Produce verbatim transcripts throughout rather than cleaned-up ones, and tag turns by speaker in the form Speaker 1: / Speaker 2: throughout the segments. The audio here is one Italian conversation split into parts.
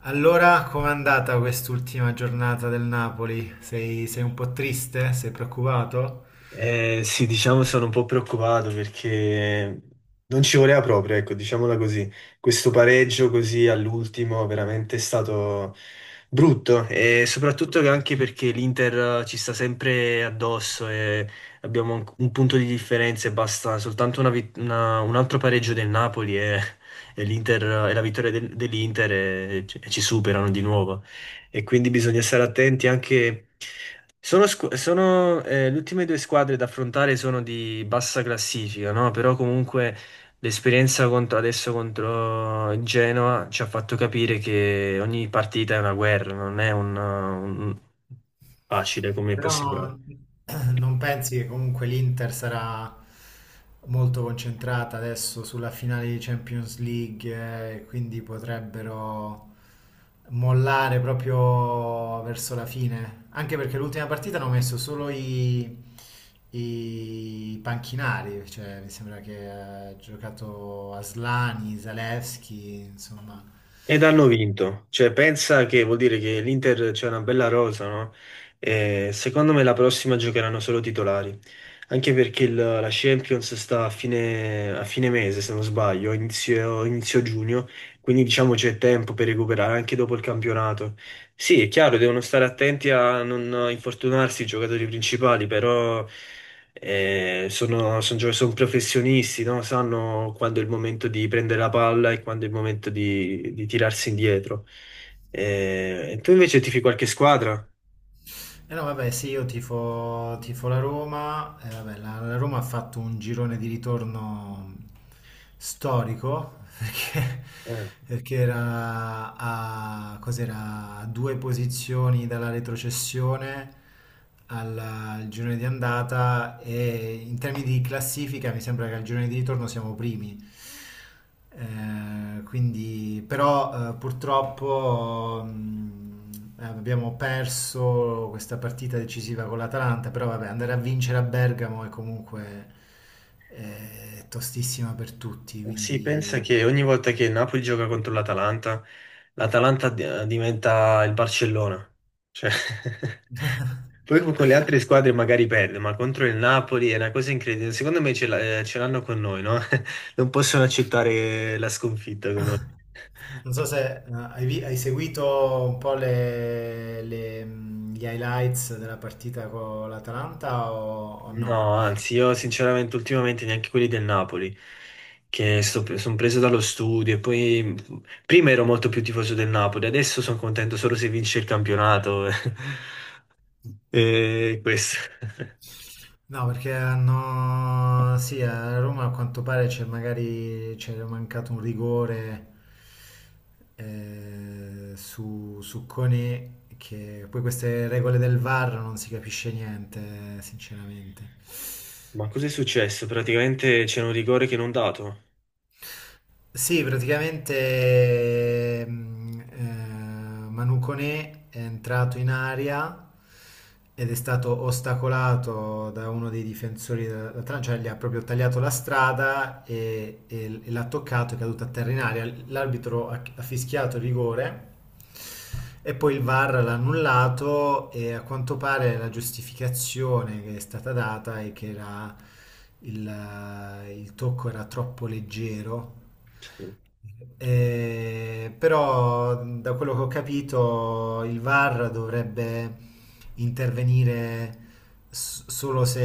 Speaker 1: Allora, com'è andata quest'ultima giornata del Napoli? Sei, sei un po' triste? Sei preoccupato?
Speaker 2: Eh, sì, diciamo sono un po' preoccupato perché non ci voleva proprio, ecco, diciamola così. Questo pareggio così all'ultimo veramente è stato brutto e soprattutto che anche perché l'Inter eh, ci sta sempre addosso e abbiamo un un punto di differenza e basta soltanto una vit- una- un altro pareggio del Napoli e, e l'Inter, e la vittoria del- dell'Inter e e ci superano di nuovo e quindi bisogna stare attenti anche. Sono, squ- sono, eh, le ultime due squadre da affrontare sono di bassa classifica, no? Però comunque l'esperienza contro- adesso contro il Genoa ci ha fatto capire che ogni partita è una guerra, non è un, un- facile come
Speaker 1: Però no,
Speaker 2: possibilità.
Speaker 1: non, Non pensi che comunque l'Inter sarà molto concentrata adesso sulla finale di Champions League, eh, quindi potrebbero mollare proprio verso la fine? Anche perché l'ultima partita hanno messo solo i, i panchinari, cioè mi sembra che ha giocato Aslani, Zalewski, insomma.
Speaker 2: Ed hanno vinto, cioè pensa che vuol dire che l'Inter c'è una bella rosa, no? E secondo me la prossima giocheranno solo titolari, anche perché il- la Champions sta a fine, a fine mese, se non sbaglio, inizio, inizio giugno, quindi diciamo c'è tempo per recuperare anche dopo il campionato. Sì, è chiaro, devono stare attenti a non infortunarsi i giocatori principali, però eh, sono, son gio- son professionisti, no? Sanno quando è il momento di prendere la palla e quando è il momento di, di tirarsi indietro. Eh, e tu invece tifi qualche squadra?
Speaker 1: Eh no, vabbè, sì, io tifo, tifo la Roma. Eh, vabbè, la, la Roma ha fatto un girone di ritorno storico perché,
Speaker 2: Eh,
Speaker 1: perché era a, cos'era, a due posizioni dalla retrocessione alla- al girone di andata e in termini di classifica mi sembra che al girone di ritorno siamo primi. Eh, quindi, però eh, Purtroppo mh, eh, abbiamo perso questa partita decisiva con l'Atalanta, però vabbè, andare a vincere a Bergamo è comunque eh, tostissima per tutti,
Speaker 2: Sì, pensa
Speaker 1: quindi...
Speaker 2: che ogni volta che il Napoli gioca contro l'Atalanta, l'Atalanta di- diventa il Barcellona. Cioè, poi con con le altre squadre magari perde, ma contro il Napoli è una cosa incredibile. Secondo me ce l'ha- eh, ce l'hanno con noi, no? Non possono accettare la sconfitta con noi.
Speaker 1: Non so se eh, hai, vi- hai seguito un po' le- le, mh, gli highlights della partita con l'Atalanta o, o no?
Speaker 2: No, anzi, io sinceramente ultimamente neanche quelli del Napoli, che sono preso dallo studio e poi mh, prima ero molto più tifoso del Napoli, adesso sono contento solo se vince il campionato. E questo.
Speaker 1: No, perché hanno... Sì, a Roma a quanto pare c'è magari c'era mancato un rigore, eh, su, su Koné, che poi queste regole del VAR non si capisce niente, sinceramente.
Speaker 2: Ma cos'è successo? Praticamente c'è un rigore che non dato.
Speaker 1: Sì, praticamente mh, eh, Manu Koné è entrato in aria ed è stato ostacolato da uno dei difensori dell'Atalanta, cioè gli ha proprio tagliato la strada e, e- e l'ha toccato, è caduto a terra in aria. L'arbitro ha, ha fischiato il rigore e poi il VAR l'ha annullato e a quanto pare la giustificazione che è stata data è che era il, il tocco era troppo leggero.
Speaker 2: Sì.
Speaker 1: Eh, però da quello che ho capito il VAR dovrebbe intervenire s- solo se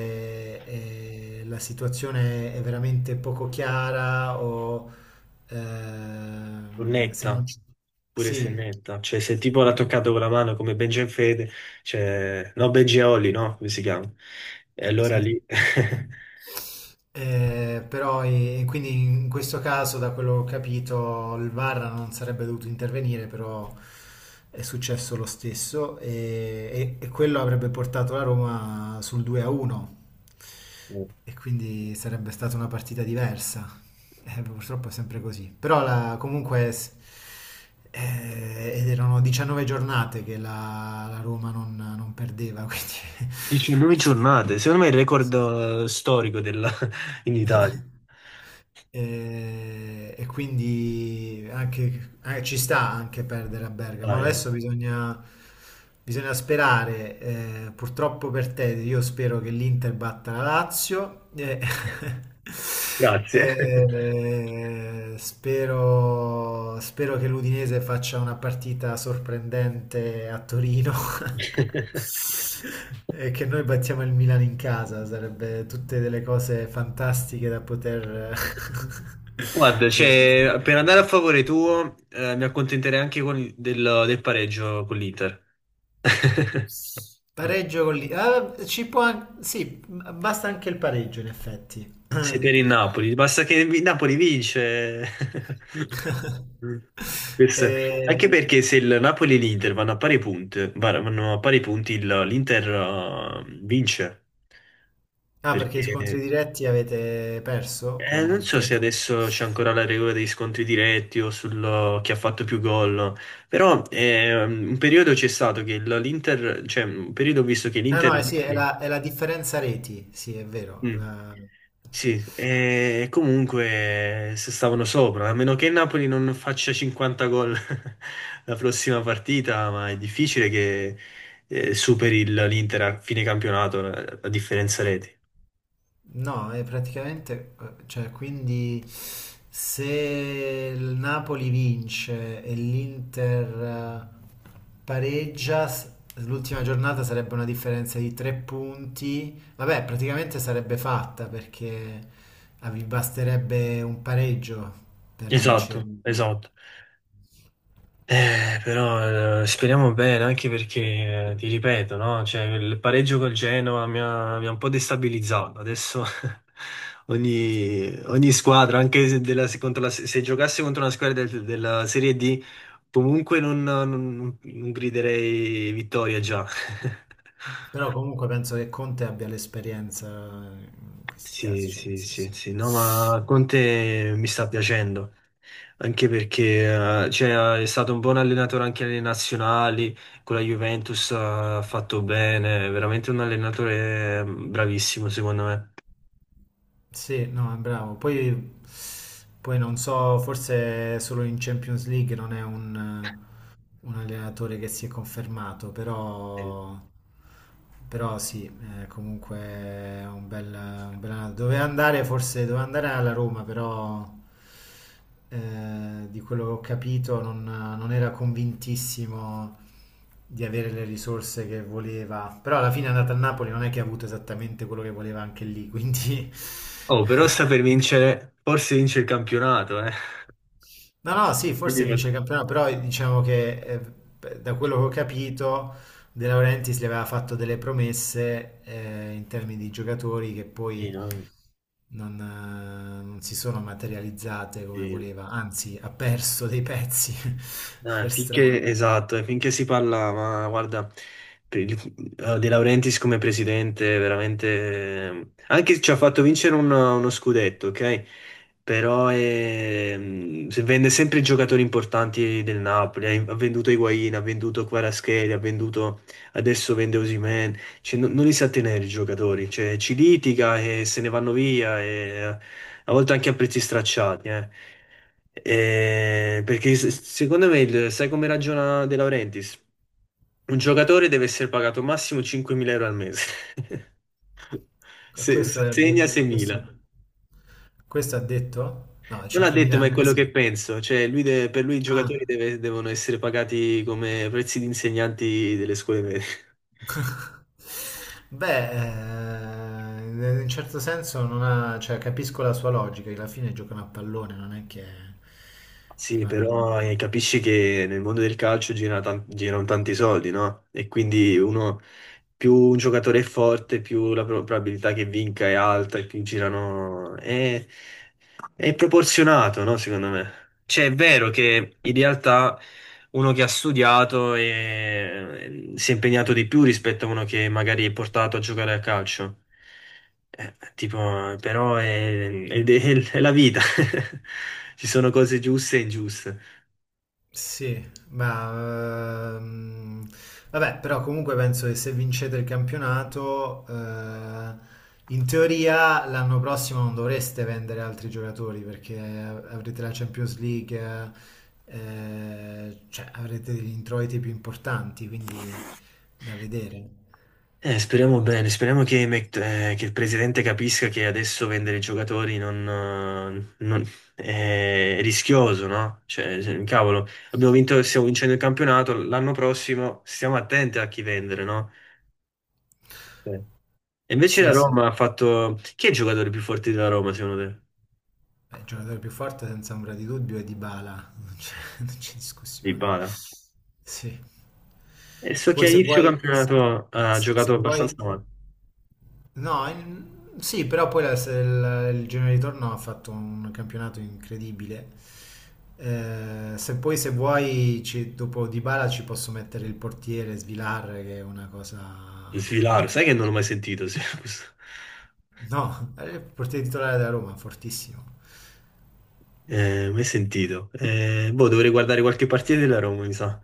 Speaker 1: eh, la situazione è veramente poco chiara o ehm, se non
Speaker 2: Netta,
Speaker 1: ci...
Speaker 2: pure se
Speaker 1: Sì.
Speaker 2: netta, cioè se tipo l'ha toccato con la mano come Benjen Fede, cioè no Benji e Olli, no? Come si chiama? E allora
Speaker 1: Sì.
Speaker 2: lì.
Speaker 1: Eh, però, e- e quindi in questo caso, da quello che ho capito, il VAR non sarebbe dovuto intervenire, però è successo lo stesso e, e- e quello avrebbe portato la Roma sul due a uno e quindi sarebbe stata una partita diversa. Eh, purtroppo è sempre così. Però la- comunque, s- eh, Ed erano diciannove giornate che la, la Roma non, non perdeva, quindi...
Speaker 2: diciannove
Speaker 1: sì.
Speaker 2: giornate, secondo me è il record
Speaker 1: Sì.
Speaker 2: eh, storico della- in Italia.
Speaker 1: E, e quindi anche, eh, ci sta anche perdere a Bergamo.
Speaker 2: Dai, oh.
Speaker 1: Adesso bisogna, bisogna sperare, eh, purtroppo per te, io spero che l'Inter batta la Lazio, e-
Speaker 2: Grazie.
Speaker 1: e spero, spero che l'Udinese faccia una partita sorprendente a Torino. E che noi battiamo il Milan in casa, sarebbe tutte delle cose fantastiche da poter
Speaker 2: Guarda,
Speaker 1: dire.
Speaker 2: cioè, per andare a favore tuo, eh, mi accontenterei anche con il- del, del pareggio con l'Inter.
Speaker 1: Pareggio con lì. Ah, ci può an- sì, basta anche il pareggio in effetti.
Speaker 2: Sei per il Napoli, basta che il Napoli vince. Questo è-
Speaker 1: Eh,
Speaker 2: Anche perché se il Napoli e l'Inter vanno a pari punti, var- vanno a pari punti, il- l'Inter eh, vince.
Speaker 1: ah, perché
Speaker 2: Perché
Speaker 1: scontri diretti avete perso con
Speaker 2: eh, non so
Speaker 1: l'Inter?
Speaker 2: se adesso c'è ancora la regola degli scontri diretti o sul chi ha fatto più gol, no. Però eh, un periodo c'è stato che il- l'Inter, cioè un periodo ho visto che
Speaker 1: Ah no,
Speaker 2: l'Inter.
Speaker 1: eh sì, è la, è la differenza reti, sì, è vero. è
Speaker 2: Mm.
Speaker 1: la-
Speaker 2: Sì, e comunque se stavano sopra, a meno che il Napoli non faccia cinquanta gol la prossima partita, ma è difficile che eh, superi il- l'Inter a fine campionato, la, la differenza reti.
Speaker 1: No, è praticamente, eh, cioè, quindi se il Napoli vince e l'Inter eh, pareggia, s- l'ultima giornata sarebbe una differenza di tre punti. Vabbè, praticamente sarebbe fatta perché ah, vi basterebbe un pareggio per vincere.
Speaker 2: Esatto, esatto. Eh, però eh, speriamo bene, anche perché, eh, ti ripeto, no? Cioè, il pareggio col Genoa mi ha, mi ha un po' destabilizzato. Adesso ogni, ogni squadra, anche se, della- se contro la- se giocasse contro una squadra del- della Serie D, comunque non, non- non griderei vittoria già.
Speaker 1: Però comunque penso che Conte abbia l'esperienza in questi casi,
Speaker 2: Sì,
Speaker 1: cioè, nel
Speaker 2: sì, sì,
Speaker 1: senso...
Speaker 2: sì, no, ma Conte mi sta piacendo. Anche perché eh, cioè, è stato un buon allenatore anche alle nazionali, con la Juventus eh, ha fatto bene, è veramente un allenatore mm, bravissimo secondo me.
Speaker 1: Sì, no, è bravo. Poi, poi non so, forse solo in Champions League non è un, un allenatore che si è confermato,
Speaker 2: Eh,
Speaker 1: però, però sì, è comunque è un bel, un bel allenatore. Doveva andare, forse doveva andare alla Roma, però eh, di quello che ho capito non, non era convintissimo di avere le risorse che voleva. Però alla fine è andata a Napoli, non è che ha avuto esattamente quello che voleva anche lì, quindi...
Speaker 2: Oh, però sta per vincere, forse vince il campionato, eh.
Speaker 1: No, no, sì, forse
Speaker 2: Quindi,
Speaker 1: vince il campionato, però diciamo che eh, da quello che ho capito, De Laurentiis gli aveva fatto delle promesse eh, in termini di giocatori che
Speaker 2: sì,
Speaker 1: poi
Speaker 2: no?
Speaker 1: non, eh, non si sono materializzate come
Speaker 2: Sì.
Speaker 1: voleva, anzi ha perso dei pezzi
Speaker 2: Eh,
Speaker 1: per
Speaker 2: finché,
Speaker 1: strada.
Speaker 2: esatto, e finché si parla, ma guarda, per il- eh, De Laurentiis come presidente, veramente, eh, anche se ci ha fatto vincere un- uno scudetto, ok? Però ehm, se vende sempre i giocatori importanti del Napoli, ha ha venduto Higuain, ha venduto Kvaratskhelia, ha venduto, adesso vende Osimhen, cioè, non, non li sa tenere i giocatori, cioè, ci litiga e se ne vanno via e a volte anche a prezzi stracciati, eh. Eh, perché se- secondo me, il- sai come ragiona De Laurentiis? Un giocatore deve essere pagato massimo cinquemila euro al mese. Se,
Speaker 1: Questo
Speaker 2: se
Speaker 1: ha
Speaker 2: segna
Speaker 1: detto, questo,
Speaker 2: seimila.
Speaker 1: questo ha detto? No,
Speaker 2: Non ha detto,
Speaker 1: cinquemila
Speaker 2: ma
Speaker 1: al
Speaker 2: è quello
Speaker 1: mese?
Speaker 2: che penso. Cioè, lui de- per lui i giocatori
Speaker 1: Ah.
Speaker 2: deve- devono essere pagati come prezzi di insegnanti delle scuole medie.
Speaker 1: Beh, eh, in un certo senso non ha, cioè, capisco la sua logica, che alla fine giocano a pallone, non è che
Speaker 2: Sì,
Speaker 1: fanno...
Speaker 2: però eh, capisci che nel mondo del calcio gira tan- girano tanti soldi, no? E quindi uno, più un giocatore è forte, più la pro- probabilità che vinca è alta e più girano. eh, è proporzionato, no? Secondo me. Cioè, è vero che in realtà uno che ha studiato e- ehm, si è impegnato di più rispetto a uno che magari è portato a giocare a calcio. Eh, tipo, però è, è- è è la vita. Ci sono cose giuste e ingiuste.
Speaker 1: Sì, ma ehm, vabbè, però comunque penso che se vincete il campionato, eh, in teoria l'anno prossimo non dovreste vendere altri giocatori perché avrete la Champions League, eh, cioè avrete degli introiti più importanti, quindi da vedere.
Speaker 2: Eh, speriamo bene, speriamo che, Mc- eh, che il presidente capisca che adesso vendere i giocatori non, eh, non- è rischioso, no? Cioè, se- cavolo, abbiamo vinto, stiamo vincendo il campionato, l'anno prossimo stiamo attenti a chi vendere, no? Cioè. E invece la
Speaker 1: Sì, sì.
Speaker 2: Roma ha fatto. Chi è il giocatore più forte della Roma, secondo te?
Speaker 1: Beh, il giocatore più forte senza ombra di dubbio è Dybala, non c'è non c'è discussione.
Speaker 2: Dybala.
Speaker 1: Sì.
Speaker 2: E so che
Speaker 1: Poi
Speaker 2: a
Speaker 1: se
Speaker 2: inizio
Speaker 1: vuoi,
Speaker 2: campionato ha giocato
Speaker 1: se vuoi,
Speaker 2: abbastanza male.
Speaker 1: no, in- sì, però poi la- se il, il girone di ritorno ha fatto un campionato incredibile. Eh, se poi se vuoi, ci, dopo Dybala ci posso mettere il portiere Svilar, che è una cosa...
Speaker 2: Il
Speaker 1: È
Speaker 2: Svilaro, sai che non l'ho
Speaker 1: mostruosa.
Speaker 2: mai sentito? Sì, questo-
Speaker 1: No, è il portiere titolare della Roma, fortissimo.
Speaker 2: eh, mai sentito. Eh, boh, dovrei guardare qualche partita della Roma, mi sa.